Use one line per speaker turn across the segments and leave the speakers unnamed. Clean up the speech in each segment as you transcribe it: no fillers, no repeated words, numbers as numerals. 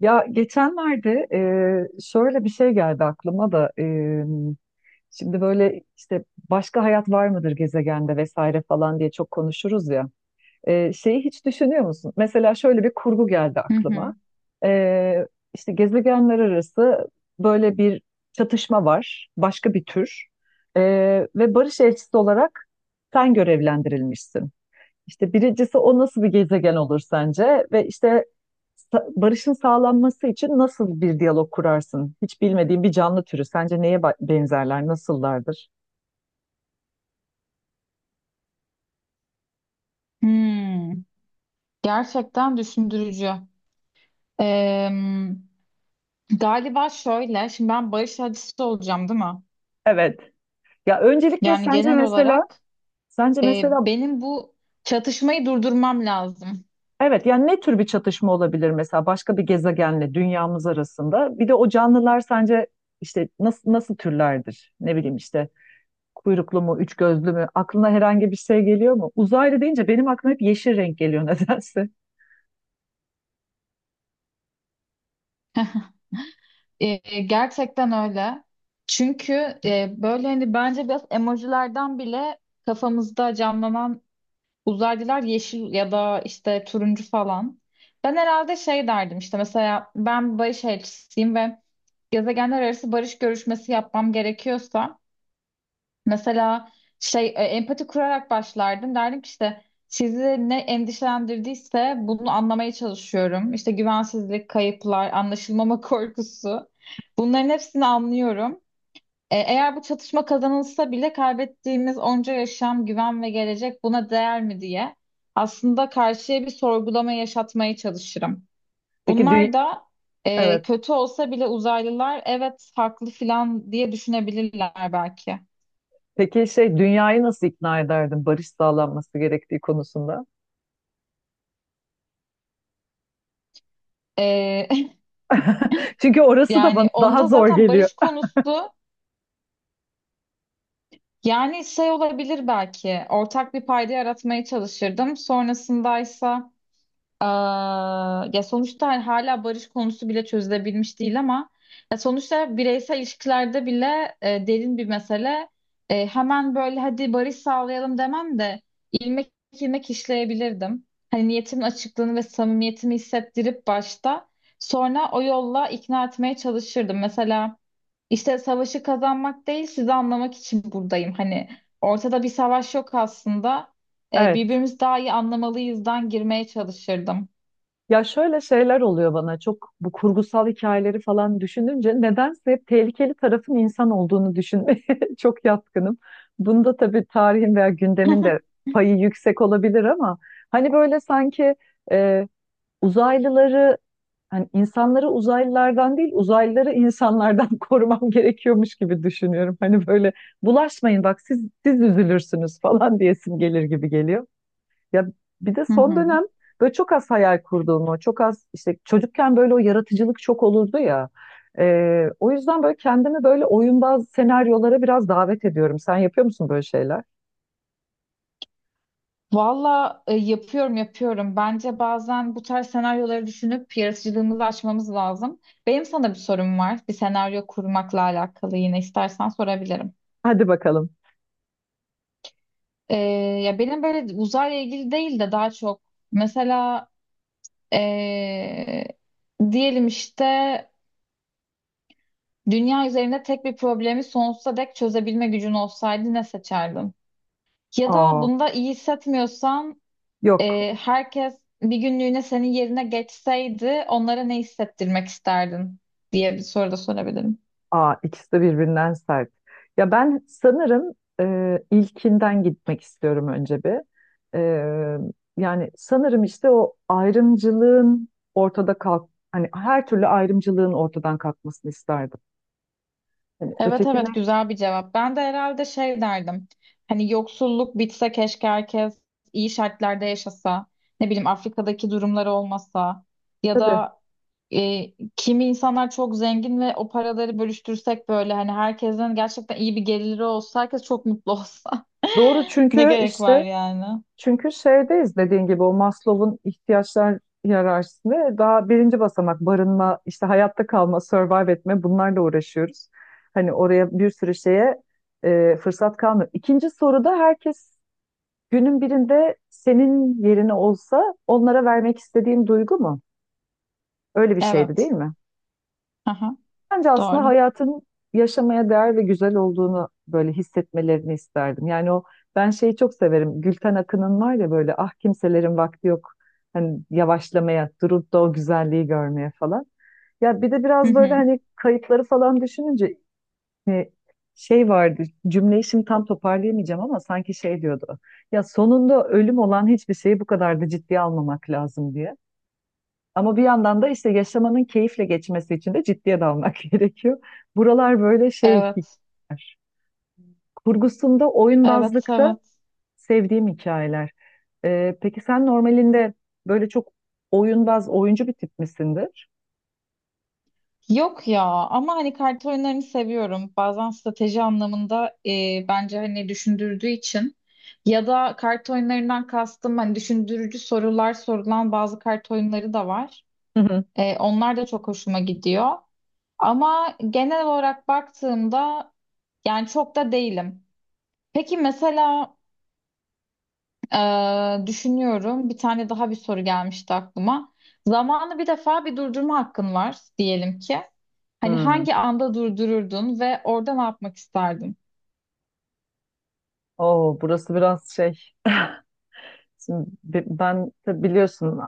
Ya geçenlerde şöyle bir şey geldi aklıma da şimdi böyle işte başka hayat var mıdır gezegende vesaire falan diye çok konuşuruz ya. Şeyi hiç düşünüyor musun? Mesela şöyle bir kurgu geldi
Hı
aklıma.
hı.
E, işte gezegenler arası böyle bir çatışma var, başka bir tür. E, Ve barış elçisi olarak sen görevlendirilmişsin. İşte birincisi o nasıl bir gezegen olur sence? Ve işte barışın sağlanması için nasıl bir diyalog kurarsın? Hiç bilmediğin bir canlı türü sence neye benzerler, nasıllardır?
Hmm. Gerçekten düşündürücü. Ee, Galiba şöyle, şimdi ben barış acısı olacağım, değil mi?
Evet. Ya öncelikle
Yani
sence
genel
mesela,
olarak
sence mesela
benim bu çatışmayı durdurmam lazım.
evet yani ne tür bir çatışma olabilir mesela başka bir gezegenle dünyamız arasında? Bir de o canlılar sence işte nasıl türlerdir? Ne bileyim işte kuyruklu mu, üç gözlü mü? Aklına herhangi bir şey geliyor mu? Uzaylı deyince benim aklıma hep yeşil renk geliyor nedense.
Gerçekten öyle. Çünkü böyle hani bence biraz emojilerden bile kafamızda canlanan uzaylılar yeşil ya da işte turuncu falan. Ben herhalde şey derdim işte mesela ben barış elçisiyim ve gezegenler arası barış görüşmesi yapmam gerekiyorsa mesela empati kurarak başlardım. Derdim ki işte sizi ne endişelendirdiyse bunu anlamaya çalışıyorum. İşte güvensizlik, kayıplar, anlaşılmama korkusu. Bunların hepsini anlıyorum. Eğer bu çatışma kazanılsa bile kaybettiğimiz onca yaşam, güven ve gelecek buna değer mi diye aslında karşıya bir sorgulama yaşatmaya çalışırım.
Peki
Bunlar
dü-
da
evet.
kötü olsa bile uzaylılar evet haklı filan diye düşünebilirler belki.
Peki şey dünyayı nasıl ikna ederdin barış sağlanması gerektiği konusunda?
E,
Çünkü orası da bana
Yani
daha
onda
zor
zaten
geliyor.
barış konusu yani şey olabilir belki ortak bir payda yaratmaya çalışırdım. Sonrasındaysa ya sonuçta hani hala barış konusu bile çözülebilmiş değil ama ya sonuçta bireysel ilişkilerde bile derin bir mesele. Hemen böyle hadi barış sağlayalım demem de ilmek ilmek işleyebilirdim. Hani niyetimin açıklığını ve samimiyetimi hissettirip başta sonra o yolla ikna etmeye çalışırdım. Mesela işte savaşı kazanmak değil sizi anlamak için buradayım. Hani ortada bir savaş yok aslında.
Evet.
Birbirimizi daha iyi anlamalıyızdan girmeye çalışırdım.
Ya şöyle şeyler oluyor bana, çok bu kurgusal hikayeleri falan düşününce nedense hep tehlikeli tarafın insan olduğunu düşünmeye çok yatkınım. Bunda tabii tarihin veya
Hı
gündemin de payı yüksek olabilir ama hani böyle sanki e, uzaylıları, hani insanları uzaylılardan değil uzaylıları insanlardan korumam gerekiyormuş gibi düşünüyorum. Hani böyle bulaşmayın bak, siz üzülürsünüz falan diyesim gelir gibi geliyor. Ya bir de son
hı.
dönem böyle çok az hayal kurduğumu, çok az işte çocukken böyle o yaratıcılık çok olurdu ya. O yüzden böyle kendimi böyle oyunbaz senaryolara biraz davet ediyorum. Sen yapıyor musun böyle şeyler?
Valla yapıyorum yapıyorum. Bence bazen bu tarz senaryoları düşünüp yaratıcılığımızı açmamız lazım. Benim sana bir sorum var. Bir senaryo kurmakla alakalı yine istersen sorabilirim.
Hadi bakalım.
E, Ya benim böyle uzayla ilgili değil de daha çok mesela e, diyelim işte dünya üzerinde tek bir problemi sonsuza dek çözebilme gücün olsaydı ne seçerdin? Ya da
Aa,
bunda iyi hissetmiyorsan
yok.
herkes bir günlüğüne senin yerine geçseydi onlara ne hissettirmek isterdin diye bir soru da sorabilirim.
Aa, ikisi de birbirinden sert. Ya ben sanırım ilkinden gitmek istiyorum önce bir. E, Yani sanırım işte o ayrımcılığın hani her türlü ayrımcılığın ortadan kalkmasını isterdim. Yani
Evet
öteki
evet,
ne?
güzel bir cevap. Ben de herhalde şey derdim. Hani yoksulluk bitse keşke herkes iyi şartlarda yaşasa. Ne bileyim Afrika'daki durumları olmasa. Ya
Tabii.
da kimi insanlar çok zengin ve o paraları bölüştürsek böyle hani herkesin gerçekten iyi bir geliri olsa herkes çok mutlu olsa
Doğru,
ne
çünkü
gerek var
işte
yani?
çünkü şeydeyiz dediğin gibi, o Maslow'un ihtiyaçlar hiyerarşisinde daha birinci basamak barınma, işte hayatta kalma, survive etme, bunlarla uğraşıyoruz. Hani oraya bir sürü şeye fırsat kalmıyor. İkinci soruda herkes günün birinde senin yerine olsa onlara vermek istediğin duygu mu? Öyle bir şeydi değil
Evet.
mi?
Aha,
Bence aslında
doğru.
hayatın yaşamaya değer ve güzel olduğunu böyle hissetmelerini isterdim. Yani o, ben şeyi çok severim. Gülten Akın'ın var ya böyle, ah kimselerin vakti yok. Hani yavaşlamaya, durup da o güzelliği görmeye falan. Ya bir de
Hı
biraz böyle
hı.
hani kayıtları falan düşününce e, şey vardı. Cümleyi şimdi tam toparlayamayacağım ama sanki şey diyordu. Ya sonunda ölüm olan hiçbir şeyi bu kadar da ciddiye almamak lazım diye. Ama bir yandan da işte yaşamanın keyifle geçmesi için de ciddiye dalmak gerekiyor. Buralar böyle şey
Evet.
kurgusunda,
Evet,
oyunbazlıkta
evet.
sevdiğim hikayeler. Peki sen normalinde böyle çok oyunbaz, oyuncu bir tip misindir?
Yok ya, ama hani kart oyunlarını seviyorum. Bazen strateji anlamında bence hani düşündürdüğü için ya da kart oyunlarından kastım hani düşündürücü sorular sorulan bazı kart oyunları da var.
Hı hı.
Onlar da çok hoşuma gidiyor. Ama genel olarak baktığımda yani çok da değilim. Peki mesela, düşünüyorum. Bir tane daha bir soru gelmişti aklıma. Zamanı bir defa bir durdurma hakkın var diyelim ki. Hani
Hmm.
hangi anda durdururdun ve orada ne yapmak isterdin?
Oo, burası biraz şey. Şimdi ben tabii biliyorsun,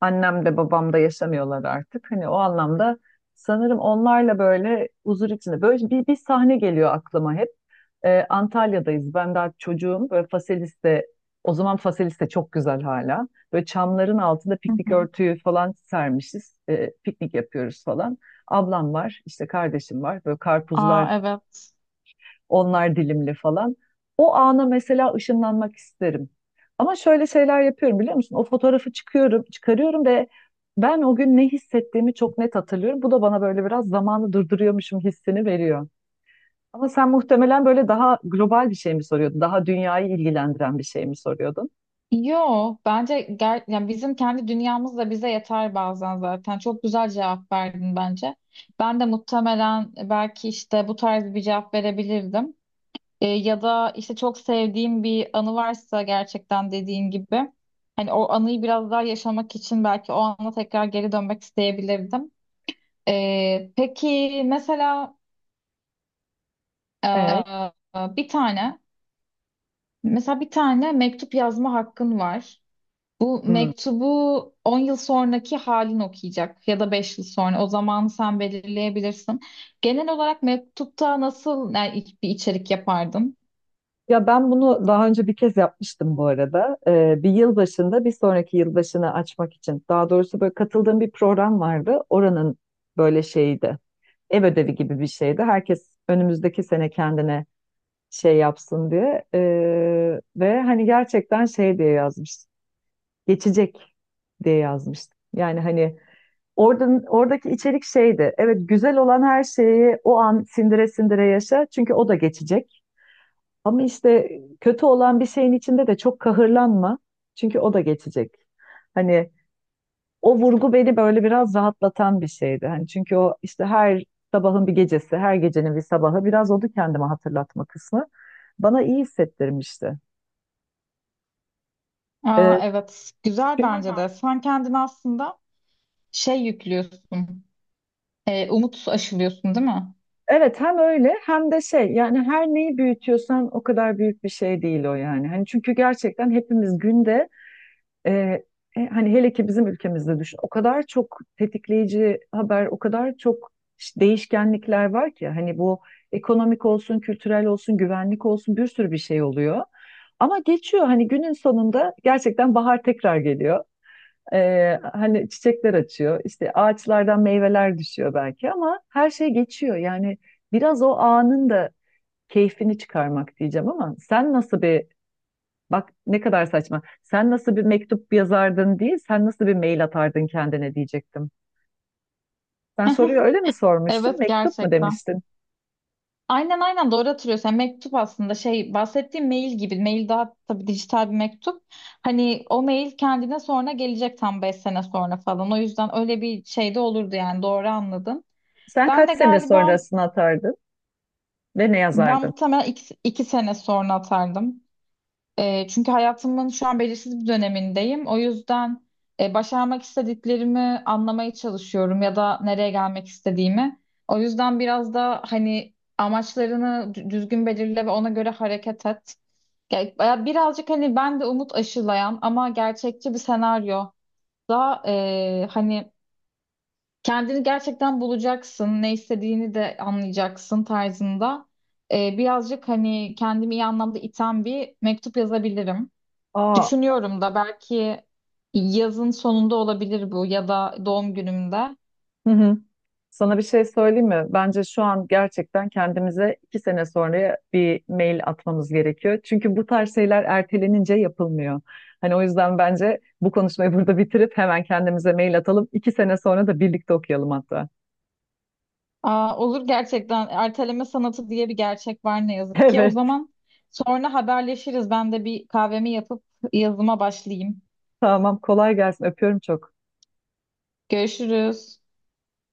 annem de babam da yaşamıyorlar artık. Hani o anlamda sanırım onlarla böyle huzur içinde. Böyle bir sahne geliyor aklıma hep. Antalya'dayız. Ben daha çocuğum. Böyle Faselis'te, o zaman Faselis'te çok güzel hala. Böyle çamların altında
Hı
piknik
hı.
örtüyü falan sermişiz. Piknik yapıyoruz falan. Ablam var, işte kardeşim var. Böyle karpuzlar,
Aa, evet.
onlar dilimli falan. O ana mesela ışınlanmak isterim. Ama şöyle şeyler yapıyorum biliyor musun? O fotoğrafı çıkıyorum, çıkarıyorum ve ben o gün ne hissettiğimi çok net hatırlıyorum. Bu da bana böyle biraz zamanı durduruyormuşum hissini veriyor. Ama sen muhtemelen böyle daha global bir şey mi soruyordun? Daha dünyayı ilgilendiren bir şey mi soruyordun?
Yo bence yani bizim kendi dünyamız da bize yeter bazen zaten. Çok güzel cevap verdin bence. Ben de muhtemelen belki işte bu tarz bir cevap verebilirdim. Ya da işte çok sevdiğim bir anı varsa gerçekten dediğin gibi hani o anıyı biraz daha yaşamak için belki o ana tekrar geri dönmek isteyebilirdim. Peki mesela,
Evet.
e, bir tane mesela bir tane mektup yazma hakkın var. Bu
Hmm.
mektubu 10 yıl sonraki halin okuyacak ya da 5 yıl sonra, o zamanı sen belirleyebilirsin. Genel olarak mektupta nasıl yani, bir içerik yapardın?
Ya ben bunu daha önce bir kez yapmıştım bu arada. Bir yılbaşında bir sonraki yılbaşını açmak için. Daha doğrusu böyle katıldığım bir program vardı. Oranın böyle şeyiydi. Ev ödevi gibi bir şeydi. Herkes önümüzdeki sene kendine şey yapsın diye. Ve hani gerçekten şey diye yazmış. Geçecek diye yazmıştı. Yani hani oradaki içerik şeydi. Evet, güzel olan her şeyi o an sindire sindire yaşa. Çünkü o da geçecek. Ama işte kötü olan bir şeyin içinde de çok kahırlanma. Çünkü o da geçecek. Hani o vurgu beni böyle biraz rahatlatan bir şeydi. Hani çünkü o işte her sabahın bir gecesi, her gecenin bir sabahı, biraz oldu kendime hatırlatma kısmı. Bana iyi hissettirmişti.
Aa,
Ee,
evet, güzel bence de. Sen kendini aslında şey yüklüyorsun, umut aşılıyorsun değil mi?
evet, hem öyle hem de şey, yani her neyi büyütüyorsan o kadar büyük bir şey değil o, yani. Hani çünkü gerçekten hepimiz günde e, hani hele ki bizim ülkemizde düşün, o kadar çok tetikleyici haber, o kadar çok değişkenlikler var ki hani bu ekonomik olsun, kültürel olsun, güvenlik olsun bir sürü bir şey oluyor. Ama geçiyor, hani günün sonunda gerçekten bahar tekrar geliyor. Hani çiçekler açıyor, işte ağaçlardan meyveler düşüyor belki ama her şey geçiyor. Yani biraz o anın da keyfini çıkarmak diyeceğim ama sen nasıl bir, bak ne kadar saçma. Sen nasıl bir mektup yazardın değil, sen nasıl bir mail atardın kendine diyecektim. Sen soruyu öyle mi sormuştun?
Evet,
Mektup mu
gerçekten.
demiştin?
Aynen aynen, doğru hatırlıyorsun. Yani mektup aslında şey, bahsettiğim mail gibi. Mail daha tabii dijital bir mektup. Hani o mail kendine sonra gelecek, tam 5 sene sonra falan. O yüzden öyle bir şey de olurdu, yani doğru anladın.
Sen
Ben
kaç
de
sene
galiba,
sonrasını atardın ve ne
ben
yazardın?
muhtemelen iki sene sonra atardım. Çünkü hayatımın şu an belirsiz bir dönemindeyim. O yüzden başarmak istediklerimi anlamaya çalışıyorum, ya da nereye gelmek istediğimi. O yüzden biraz da hani amaçlarını düzgün belirle ve ona göre hareket et. Ya birazcık hani ben de umut aşılayan ama gerçekçi bir senaryo da, hani kendini gerçekten bulacaksın, ne istediğini de anlayacaksın tarzında. Birazcık hani kendimi iyi anlamda iten bir mektup yazabilirim.
Aa,
Düşünüyorum da belki yazın sonunda olabilir bu ya da doğum günümde.
hı hı. Sana bir şey söyleyeyim mi? Bence şu an gerçekten kendimize 2 sene sonraya bir mail atmamız gerekiyor. Çünkü bu tarz şeyler ertelenince yapılmıyor. Hani o yüzden bence bu konuşmayı burada bitirip hemen kendimize mail atalım. İki sene sonra da birlikte okuyalım hatta.
Olur, gerçekten erteleme sanatı diye bir gerçek var ne yazık ki. O
Evet,
zaman sonra haberleşiriz. Ben de bir kahvemi yapıp yazıma başlayayım.
tamam. Kolay gelsin. Öpüyorum çok.
Görüşürüz.